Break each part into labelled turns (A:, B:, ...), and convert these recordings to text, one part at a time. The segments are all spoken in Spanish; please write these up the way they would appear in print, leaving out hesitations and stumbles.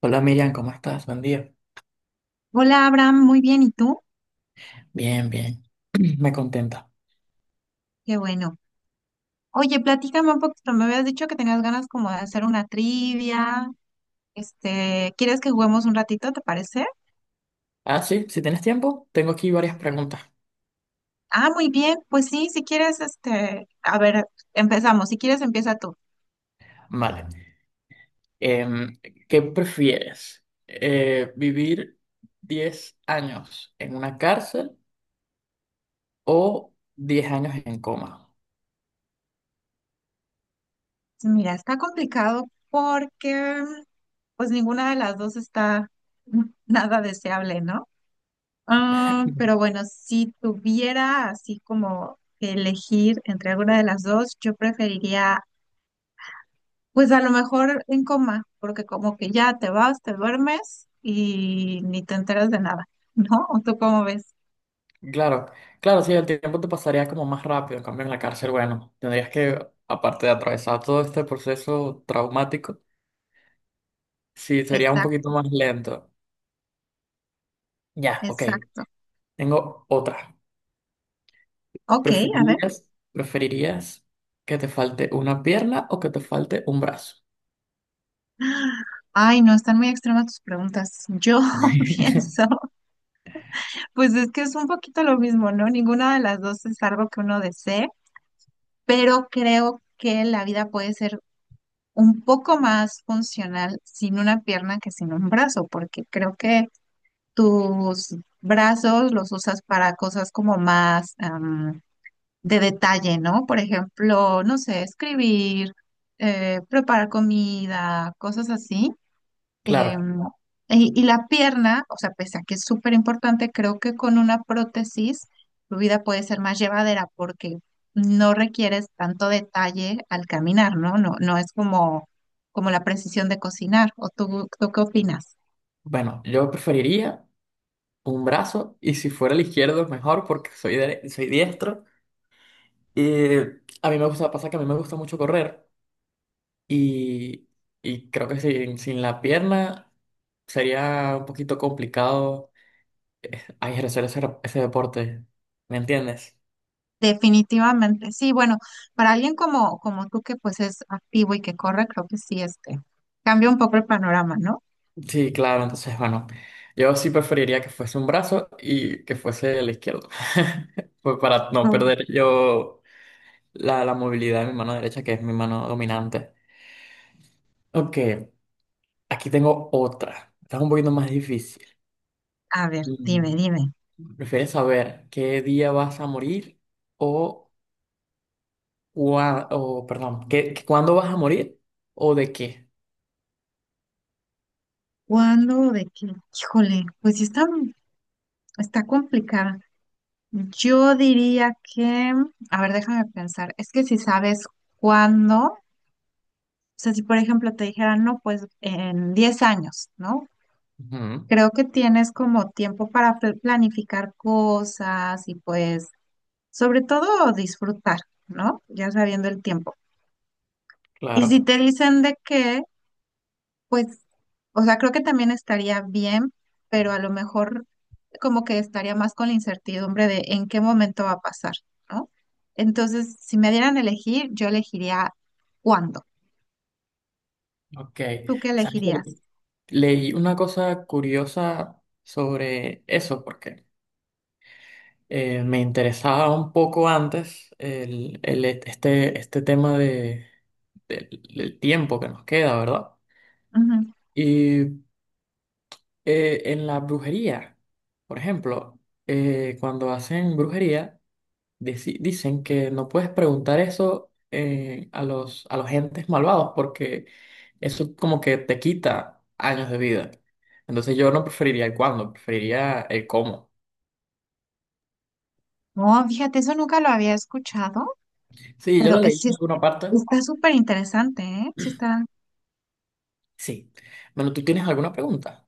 A: Hola Miriam, ¿cómo estás? Buen día.
B: Hola Abraham, muy bien, ¿y tú?
A: Bien, bien. Me contenta.
B: Qué bueno. Oye, platícame un poquito, me habías dicho que tenías ganas como de hacer una trivia, ¿quieres que juguemos un ratito, te parece?
A: Ah, sí, si tienes tiempo, tengo aquí varias preguntas.
B: Ah, muy bien, pues sí, si quieres, a ver, empezamos, si quieres empieza tú.
A: Vale. Em, ¿Qué prefieres? ¿Vivir 10 años en una cárcel o 10 años en coma?
B: Mira, está complicado porque pues ninguna de las dos está nada deseable, ¿no? Ah,
A: Ujú.
B: pero bueno, si tuviera así como que elegir entre alguna de las dos, yo preferiría. Pues a lo mejor en coma, porque como que ya te vas, te duermes y ni te enteras de nada, ¿no? ¿O tú cómo ves?
A: Claro, claro, sí, el tiempo te pasaría como más rápido. En cambio, en la cárcel, bueno, tendrías que, aparte de atravesar todo este proceso traumático, sí, sería un
B: Exacto,
A: poquito más lento. Ya, ok.
B: exacto.
A: Tengo otra.
B: Ok, a ver.
A: ¿Preferirías, preferirías que te falte una pierna o que te falte un brazo?
B: Ay, no, están muy extremas tus preguntas. Yo pienso, pues es que es un poquito lo mismo, ¿no? Ninguna de las dos es algo que uno desee, pero creo que la vida puede ser un poco más funcional sin una pierna que sin un brazo, porque creo que tus brazos los usas para cosas como más de detalle, ¿no? Por ejemplo, no sé, escribir, preparar comida, cosas así.
A: Claro,
B: Em, y la pierna, o sea, pese a que es súper importante, creo que con una prótesis tu vida puede ser más llevadera porque no requieres tanto detalle al caminar, ¿no? No es como, como la precisión de cocinar. ¿O tú qué opinas?
A: bueno, yo preferiría un brazo y si fuera el izquierdo mejor porque soy, soy diestro. Y a mí me gusta, pasa que a mí me gusta mucho correr y, y creo que sin la pierna sería un poquito complicado ejercer ese deporte, ¿me entiendes?
B: Definitivamente, sí, bueno, para alguien como, como tú que pues es activo y que corre, creo que sí, cambia un poco el panorama, ¿no?
A: Sí, claro, entonces, bueno, yo sí preferiría que fuese un brazo y que fuese el izquierdo. Pues para no
B: Uy,
A: perder yo la movilidad de mi mano derecha, que es mi mano dominante. Ok, aquí tengo otra. Está un poquito más difícil.
B: a ver, dime,
A: Mm,
B: dime,
A: ¿Prefieres saber qué día vas a morir o, cuándo vas a morir o de qué?
B: ¿cuándo o de qué? Híjole, pues sí está, está complicada. Yo diría que, a ver, déjame pensar, es que si sabes cuándo, o sea, si por ejemplo te dijeran, no, pues en 10 años, ¿no?
A: Ujú,
B: Creo que tienes como tiempo para planificar cosas y pues sobre todo disfrutar, ¿no? Ya sabiendo el tiempo. Y si
A: claro,
B: te dicen de qué, pues, o sea, creo que también estaría bien, pero a lo mejor como que estaría más con la incertidumbre de en qué momento va a pasar, ¿no? Entonces, si me dieran a elegir, yo elegiría cuándo.
A: ok.
B: ¿Tú qué
A: ¿Sabes?
B: elegirías?
A: Leí una cosa curiosa sobre eso porque me interesaba un poco antes este tema de, del, del tiempo que nos queda, ¿verdad?
B: Ujú.
A: Y en la brujería, por ejemplo, cuando hacen brujería, dicen que no puedes preguntar eso a a los entes malvados porque eso como que te quita años de vida. Entonces yo no preferiría el cuándo, preferiría el cómo.
B: No, fíjate, eso nunca lo había escuchado,
A: Sí, yo
B: pero
A: lo
B: es,
A: leí
B: sí
A: en
B: es-
A: alguna parte.
B: está súper interesante, ¿eh? Sí está.
A: Sí. Bueno, ¿tú tienes alguna pregunta?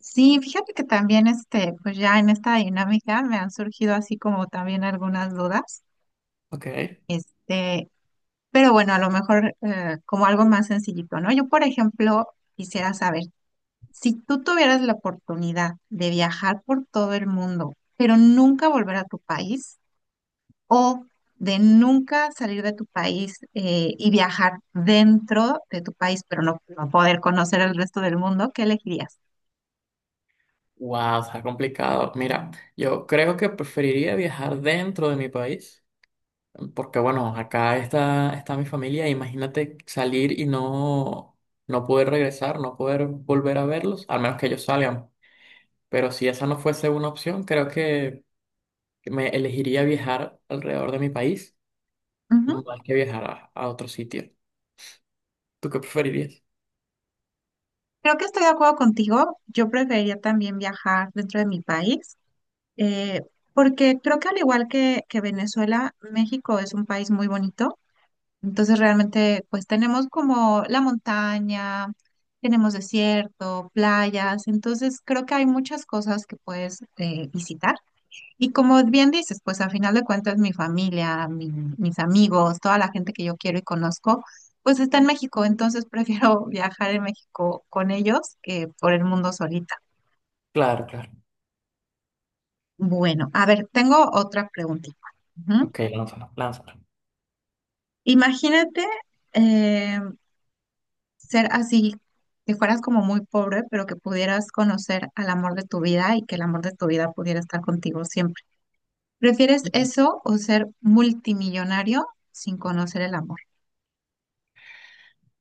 B: Sí, fíjate que también pues ya en esta dinámica me han surgido así como también algunas dudas,
A: Ok.
B: este, pero bueno, a lo mejor como algo más sencillito, ¿no? Yo, por ejemplo, quisiera saber, si tú tuvieras la oportunidad de viajar por todo el mundo, pero nunca volver a tu país, o de nunca salir de tu país y viajar dentro de tu país, pero no poder conocer el resto del mundo, ¿qué elegirías?
A: Wow, está complicado. Mira, yo creo que preferiría viajar dentro de mi país. Porque bueno, acá está, está mi familia, imagínate salir y no, no poder regresar, no poder volver a verlos, al menos que ellos salgan. Pero si esa no fuese una opción, creo que me elegiría viajar alrededor de mi país más que viajar a otro sitio. ¿Tú qué preferirías?
B: Creo que estoy de acuerdo contigo. Yo preferiría también viajar dentro de mi país, eh, porque creo que al igual que Venezuela, México es un país muy bonito. Entonces realmente pues tenemos como la montaña, tenemos desierto, playas. Entonces creo que hay muchas cosas que puedes visitar. Y como bien dices, pues al final de cuentas mi familia, mis amigos, toda la gente que yo quiero y conozco, pues está en México, entonces prefiero viajar en México con ellos que por el mundo solita.
A: Claro, claro.
B: Bueno, a ver, tengo otra preguntita. Ujú.
A: Ok, lánzalo, lánzalo.
B: Imagínate eh, ser así, que fueras como muy pobre, pero que pudieras conocer al amor de tu vida y que el amor de tu vida pudiera estar contigo siempre. ¿Prefieres eso o ser multimillonario sin conocer el amor?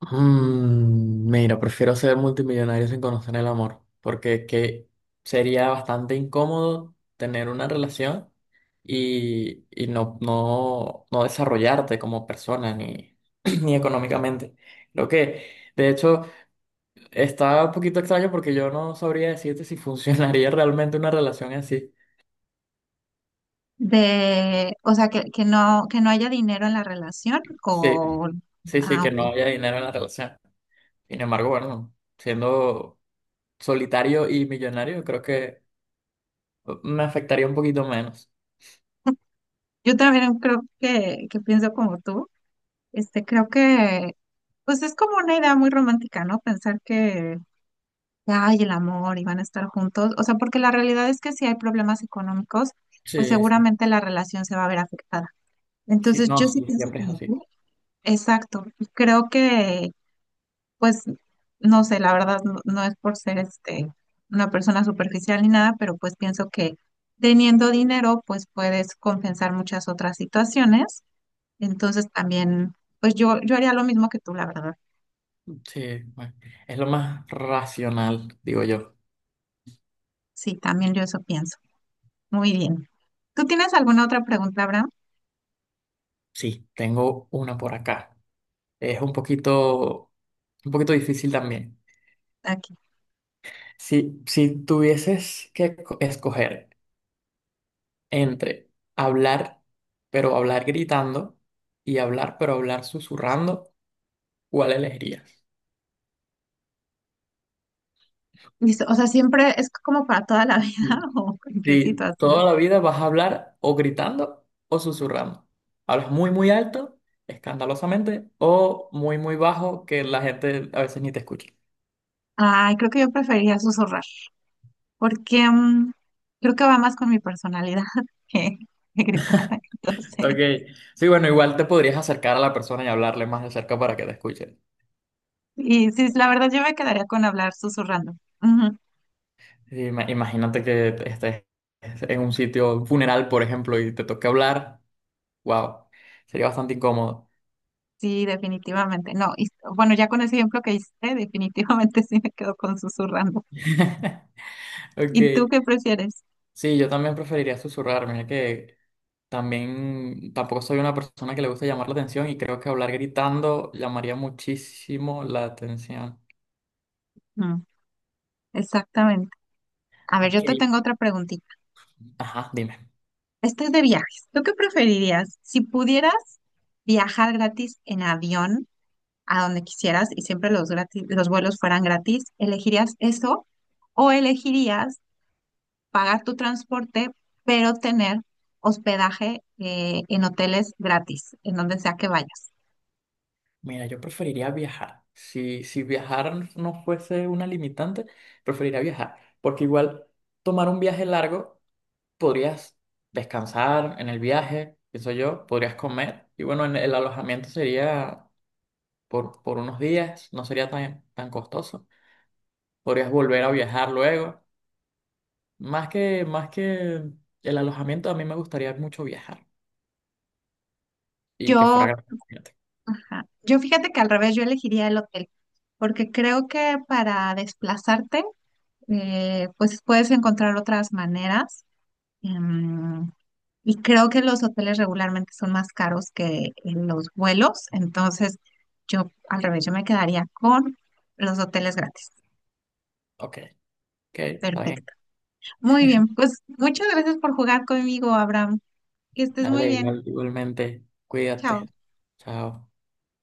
A: Mira, prefiero ser multimillonario sin conocer el amor, porque que sería bastante incómodo tener una relación y no desarrollarte como persona ni, ni económicamente. Lo que, de hecho, está un poquito extraño porque yo no sabría decirte si funcionaría realmente una relación así.
B: De, o sea, que no haya dinero en la relación
A: Sí,
B: o...
A: sí, sí,
B: Ah,
A: que
B: ok.
A: no haya dinero en la relación. Sin embargo, bueno, siendo solitario y millonario, creo que me afectaría un poquito menos.
B: Yo también creo que pienso como tú. Este, creo que, pues es como una idea muy romántica, ¿no? Pensar que, ay, el amor y van a estar juntos. O sea, porque la realidad es que si hay problemas económicos, pues
A: Sí, sí.
B: seguramente la relación se va a ver afectada.
A: Sí,
B: Entonces,
A: no,
B: yo sí
A: sí,
B: pienso
A: siempre es
B: como tú.
A: así.
B: Exacto. Creo que pues no sé, la verdad no es por ser este una persona superficial ni nada, pero pues pienso que teniendo dinero pues puedes compensar muchas otras situaciones. Entonces también, pues yo haría lo mismo que tú, la verdad.
A: Sí, bueno, es lo más racional, digo yo.
B: Sí, también yo eso pienso. Muy bien. ¿Tú tienes alguna otra pregunta, Abraham?
A: Sí. Tengo una por acá. Es un poquito difícil también.
B: Aquí.
A: Si tuvieses que escoger entre hablar, pero hablar gritando, y hablar, pero hablar susurrando, ¿cuál elegirías?
B: Listo. O sea, siempre es como para toda la vida o en qué
A: Sí,
B: situación.
A: toda la vida vas a hablar o gritando o susurrando. Hablas muy, muy alto, escandalosamente, o muy, muy bajo, que la gente a veces ni te escucha.
B: Ay, creo que yo preferiría susurrar. Porque creo que va más con mi personalidad que, que gritar. Entonces,
A: Ok, sí, bueno, igual te podrías acercar a la persona y hablarle más de cerca para que te escuche.
B: y sí, la verdad yo me quedaría con hablar susurrando. Ujú.
A: Imagínate que estés en un sitio, un funeral, por ejemplo, y te toque hablar. Wow, sería bastante incómodo.
B: Sí, definitivamente. No, y bueno, ya con ese ejemplo que hice, definitivamente sí me quedo con susurrando.
A: Ok,
B: ¿Y tú qué prefieres?
A: sí, yo también preferiría susurrar. Mira que. También tampoco soy una persona que le gusta llamar la atención y creo que hablar gritando llamaría muchísimo la atención.
B: Mm, exactamente. A ver,
A: Ok.
B: yo te tengo otra preguntita.
A: Ajá, dime.
B: Esta es de viajes. ¿Tú qué preferirías? Si pudieras viajar gratis en avión, a donde quisieras y siempre los gratis, los vuelos fueran gratis, ¿elegirías eso o elegirías pagar tu transporte, pero tener hospedaje en hoteles gratis, en donde sea que vayas?
A: Mira, yo preferiría viajar. Si viajar no fuese una limitante, preferiría viajar. Porque igual tomar un viaje largo, podrías descansar en el viaje, pienso yo, podrías comer. Y bueno, en el alojamiento sería por unos días, no sería tan, tan costoso. Podrías volver a viajar luego. Más que el alojamiento, a mí me gustaría mucho viajar y que fuera
B: Yo,
A: gratis.
B: ajá, yo fíjate que al revés, yo elegiría el hotel, porque creo que para desplazarte, pues puedes encontrar otras maneras. em, Y creo que los hoteles regularmente son más caros que los vuelos, entonces yo al revés, yo me quedaría con los hoteles gratis.
A: Ok, ok, está bien.
B: Perfecto. Muy bien, pues muchas gracias por jugar conmigo, Abraham. Que estés muy
A: Dale,
B: bien.
A: igualmente, cuídate.
B: Chao.
A: Chao.